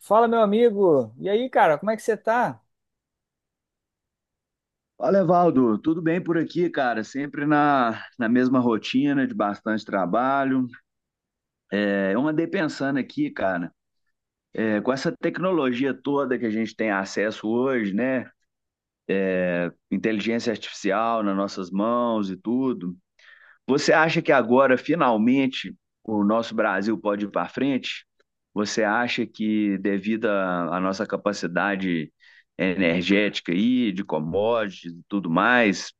Fala, meu amigo. E aí, cara, como é que você tá? Fala, Evaldo. Tudo bem por aqui, cara? Sempre na mesma rotina de bastante trabalho. Eu andei pensando aqui, cara, com essa tecnologia toda que a gente tem acesso hoje, né? Inteligência artificial nas nossas mãos e tudo. Você acha que agora, finalmente, o nosso Brasil pode ir para frente? Você acha que, devido à nossa capacidade energética aí, de commodities e tudo mais,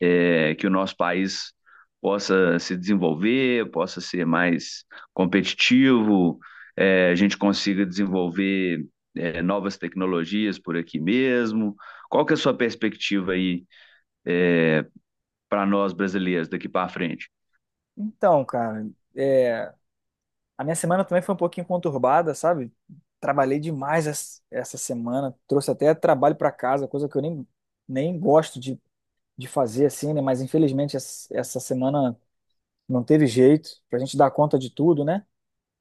que o nosso país possa se desenvolver, possa ser mais competitivo, a gente consiga desenvolver, novas tecnologias por aqui mesmo? Qual que é a sua perspectiva aí para nós brasileiros daqui para frente? Então, cara, é, a minha semana também foi um pouquinho conturbada, sabe? Trabalhei demais essa semana, trouxe até trabalho pra casa, coisa que eu nem gosto de fazer assim, né? Mas infelizmente essa semana não teve jeito pra gente dar conta de tudo, né?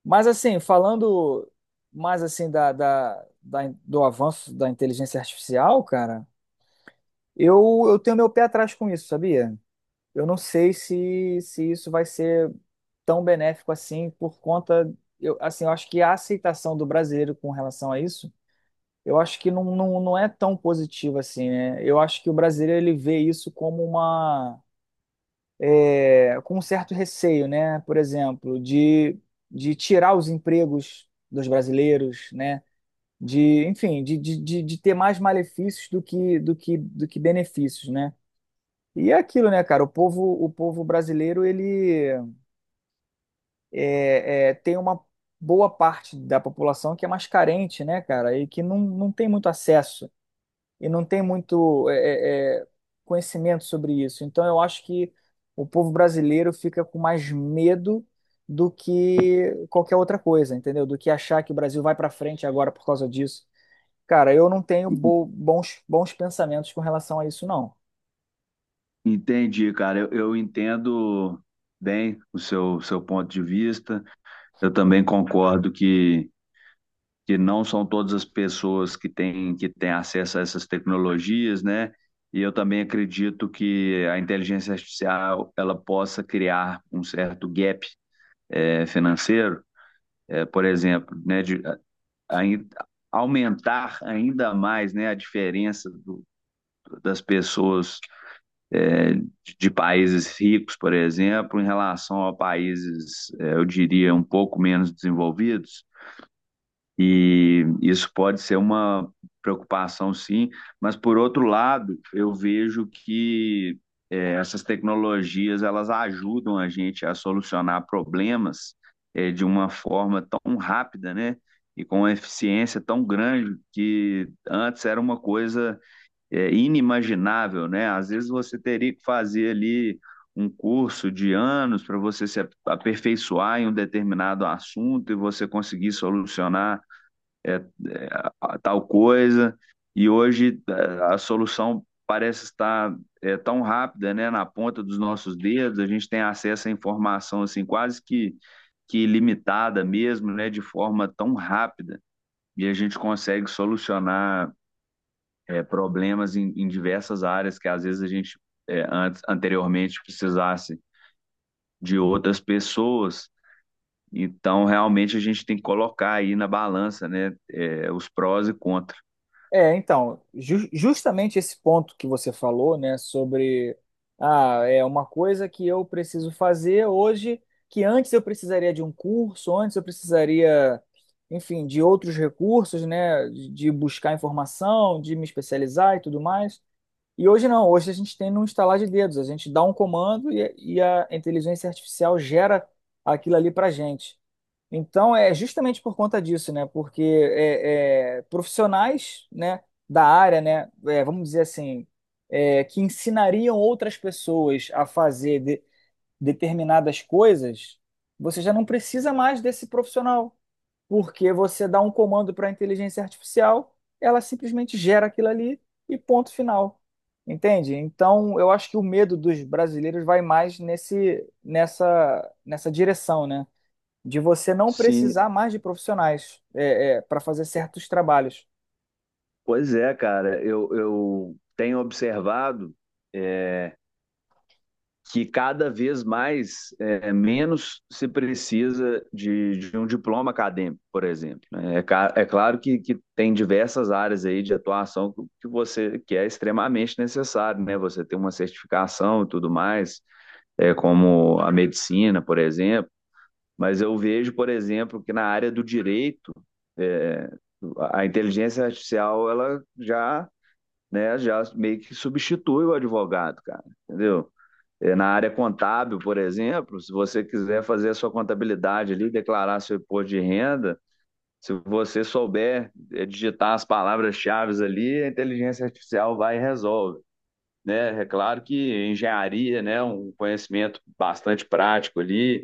Mas assim, falando mais assim do avanço da inteligência artificial, cara, eu tenho meu pé atrás com isso, sabia? Eu não sei se isso vai ser tão benéfico assim por conta, eu, assim, eu acho que a aceitação do brasileiro com relação a isso, eu acho que não é tão positiva assim, né? Eu acho que o brasileiro ele vê isso como com um certo receio, né? Por exemplo, de tirar os empregos dos brasileiros, né? De, enfim, de ter mais malefícios do do que benefícios, né? E é aquilo, né, cara? O povo brasileiro, ele tem uma boa parte da população que é mais carente, né, cara, e que não tem muito acesso e não tem muito conhecimento sobre isso. Então, eu acho que o povo brasileiro fica com mais medo do que qualquer outra coisa, entendeu? Do que achar que o Brasil vai para frente agora por causa disso. Cara, eu não tenho bons pensamentos com relação a isso, não. Entendi, cara. Eu entendo bem o seu ponto de vista. Eu também concordo que não são todas as pessoas que têm acesso a essas tecnologias, né? E eu também acredito que a inteligência artificial ela possa criar um certo gap financeiro, por exemplo, né, ain- aumentar ainda mais, né, a das pessoas é, de, de países ricos, por exemplo, em relação a países, é, eu diria, um pouco menos desenvolvidos. E isso pode ser uma preocupação, sim, mas por outro lado, eu vejo que essas tecnologias elas ajudam a gente a solucionar problemas de uma forma tão rápida, né? E com uma eficiência tão grande que antes era uma coisa inimaginável, né? Às vezes você teria que fazer ali um curso de anos para você se aperfeiçoar em um determinado assunto e você conseguir solucionar é, é, tal coisa. E hoje a solução parece estar tão rápida, né, na ponta dos nossos dedos. A gente tem acesso à informação assim quase que limitada mesmo, né, de forma tão rápida e a gente consegue solucionar problemas em diversas áreas que às vezes a gente anteriormente precisasse de outras pessoas. Então, realmente, a gente tem que colocar aí na balança, né, os prós e contras. É, então, justamente esse ponto que você falou, né, sobre ah, é uma coisa que eu preciso fazer hoje, que antes eu precisaria de um curso, antes eu precisaria, enfim, de outros recursos, né, de buscar informação, de me especializar e tudo mais. E hoje não, hoje a gente tem no instalar de dedos, a gente dá um comando e a inteligência artificial gera aquilo ali para gente. Então é justamente por conta disso, né? Porque profissionais, né, da área, né, é, vamos dizer assim, é, que ensinariam outras pessoas a fazer determinadas coisas, você já não precisa mais desse profissional. Porque você dá um comando para a inteligência artificial, ela simplesmente gera aquilo ali e ponto final. Entende? Então, eu acho que o medo dos brasileiros vai mais nessa direção, né? De você não Sim, precisar mais de profissionais é, para fazer certos trabalhos. pois é, cara. Eu tenho observado é, que cada vez mais menos se precisa de um diploma acadêmico, por exemplo. Né? É, é claro que, tem diversas áreas aí de atuação que você que é extremamente necessário, né? Você tem uma certificação e tudo mais, como a medicina, por exemplo. Mas eu vejo, por exemplo, que na área do direito é, a inteligência artificial ela já né, já meio que substitui o advogado, cara, entendeu? É, na área contábil, por exemplo, se você quiser fazer a sua contabilidade ali, declarar seu imposto de renda, se você souber digitar as palavras-chave ali, a inteligência artificial vai e resolve. Né? É claro que engenharia, né, é um conhecimento bastante prático ali,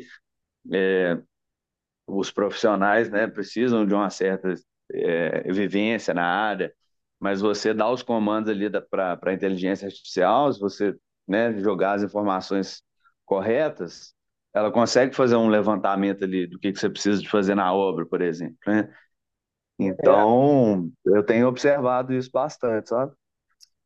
os profissionais, né, precisam de uma certa vivência na área, mas você dá os comandos ali para a inteligência artificial, se você, né, jogar as informações corretas, ela consegue fazer um levantamento ali do que você precisa de fazer na obra, por exemplo, né? É, Então, eu tenho observado isso bastante, sabe?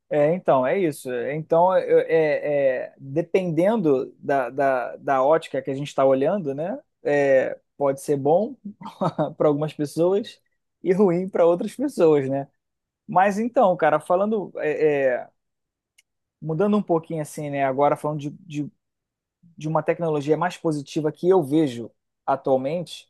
é, então, é isso. Então, dependendo da ótica que a gente está olhando, né? É, pode ser bom para algumas pessoas e ruim para outras pessoas, né? Mas então, cara, falando, mudando um pouquinho assim, né? Agora falando de uma tecnologia mais positiva que eu vejo atualmente,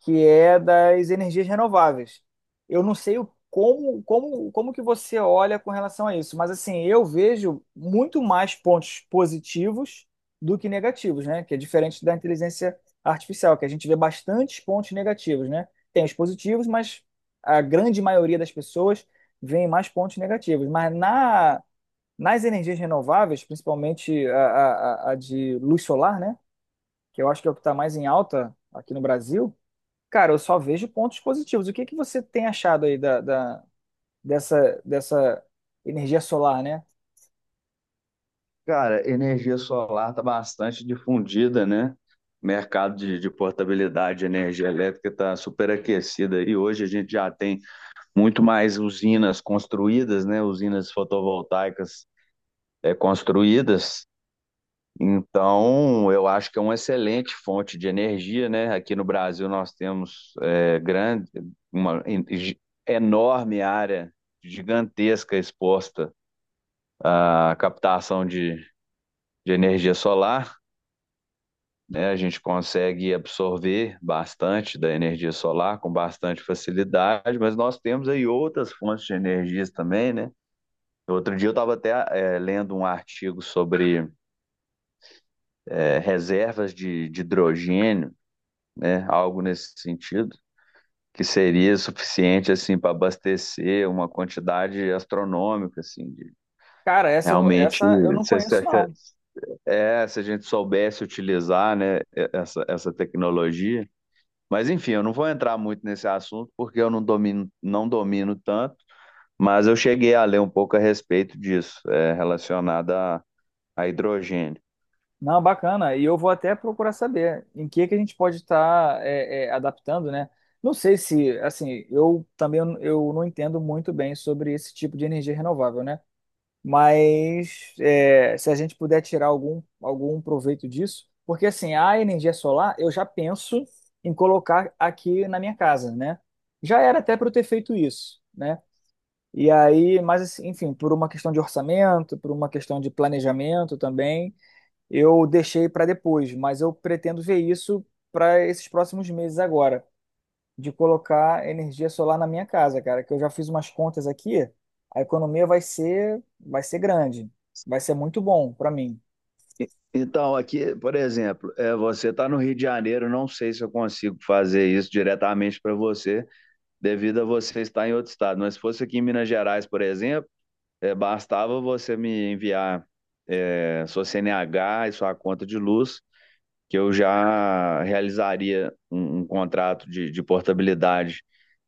que é das energias renováveis. Eu não sei como, como, como que você olha com relação a isso, mas assim, eu vejo muito mais pontos positivos do que negativos, né? Que é diferente da inteligência artificial, que a gente vê bastantes pontos negativos, né? Tem os positivos, mas a grande maioria das pessoas vê mais pontos negativos. Mas nas energias renováveis, principalmente a de luz solar, né? Que eu acho que é o que está mais em alta aqui no Brasil. Cara, eu só vejo pontos positivos. O que que você tem achado aí dessa, dessa energia solar, né? Cara, energia solar está bastante difundida, né? Mercado de portabilidade de energia elétrica está superaquecido e hoje a gente já tem muito mais usinas construídas, né? Usinas fotovoltaicas construídas. Então, eu acho que é uma excelente fonte de energia, né? Aqui no Brasil nós temos uma enorme área gigantesca exposta à captação de energia solar, né? A gente consegue absorver bastante da energia solar com bastante facilidade, mas nós temos aí outras fontes de energias também, né? Outro dia eu estava até lendo um artigo sobre reservas de hidrogênio, né, algo nesse sentido, que seria suficiente assim para abastecer uma quantidade astronômica, assim, Cara, realmente essa eu não se, se- conheço, se- não. Se a gente soubesse utilizar, né, essa tecnologia. Mas enfim, eu não vou entrar muito nesse assunto porque eu não domino tanto, mas eu cheguei a ler um pouco a respeito disso, relacionado a hidrogênio. Não, bacana. E eu vou até procurar saber em que a gente pode estar é, é, adaptando, né? Não sei se, assim, eu também eu não entendo muito bem sobre esse tipo de energia renovável, né? Mas é, se a gente puder tirar algum proveito disso, porque assim, a energia solar eu já penso em colocar aqui na minha casa, né? Já era até para eu ter feito isso, né? E aí, mas assim, enfim, por uma questão de orçamento, por uma questão de planejamento também, eu deixei para depois, mas eu pretendo ver isso para esses próximos meses agora de colocar energia solar na minha casa, cara, que eu já fiz umas contas aqui, a economia vai ser grande, vai ser muito bom para mim. Então, aqui, por exemplo, é, você está no Rio de Janeiro, não sei se eu consigo fazer isso diretamente para você, devido a você estar em outro estado. Mas se fosse aqui em Minas Gerais, por exemplo, bastava você me enviar sua CNH e sua conta de luz, que eu já realizaria um contrato de portabilidade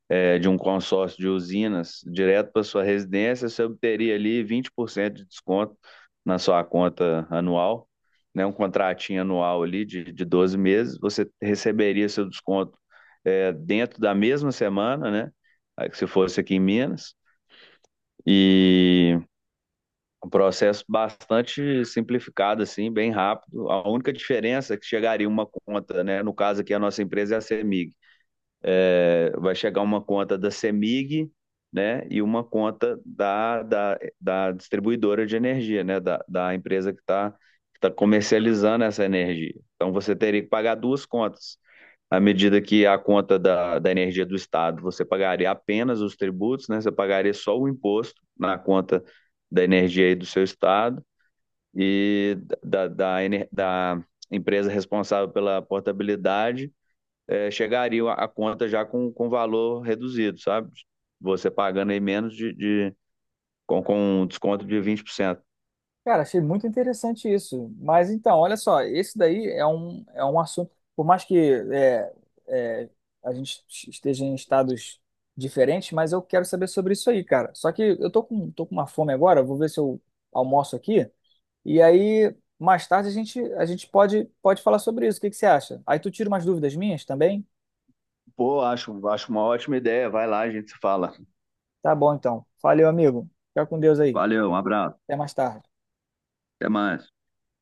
de um consórcio de usinas direto para sua residência, você obteria ali 20% de desconto na sua conta anual, né? Um contratinho anual ali de 12 meses, você receberia seu desconto dentro da mesma semana, né? Aí, se fosse aqui em Minas. E um processo bastante simplificado, assim, bem rápido. A única diferença é que chegaria uma conta, né? No caso aqui, a nossa empresa é a CEMIG, vai chegar uma conta da CEMIG, né, e uma conta da distribuidora de energia, né, da empresa que está que tá comercializando essa energia. Então você teria que pagar duas contas. À medida que a conta da energia do Estado, você pagaria apenas os tributos, né, você pagaria só o imposto na conta da energia aí do seu Estado e da, da, da, da empresa responsável pela portabilidade chegariam a conta já com valor reduzido, sabe? Você pagando aí menos com um desconto de 20%. Cara, achei muito interessante isso. Mas então, olha só, esse daí é um assunto, por mais que é, é, a gente esteja em estados diferentes, mas eu quero saber sobre isso aí, cara. Só que eu tô com uma fome agora, vou ver se eu almoço aqui e aí mais tarde a gente pode, pode falar sobre isso. O que que você acha? Aí tu tira umas dúvidas minhas também? Pô, acho uma ótima ideia. Vai lá, a gente se fala. Tá bom, então. Valeu, amigo. Fica com Deus aí. Valeu, um abraço. Até mais tarde. Até mais.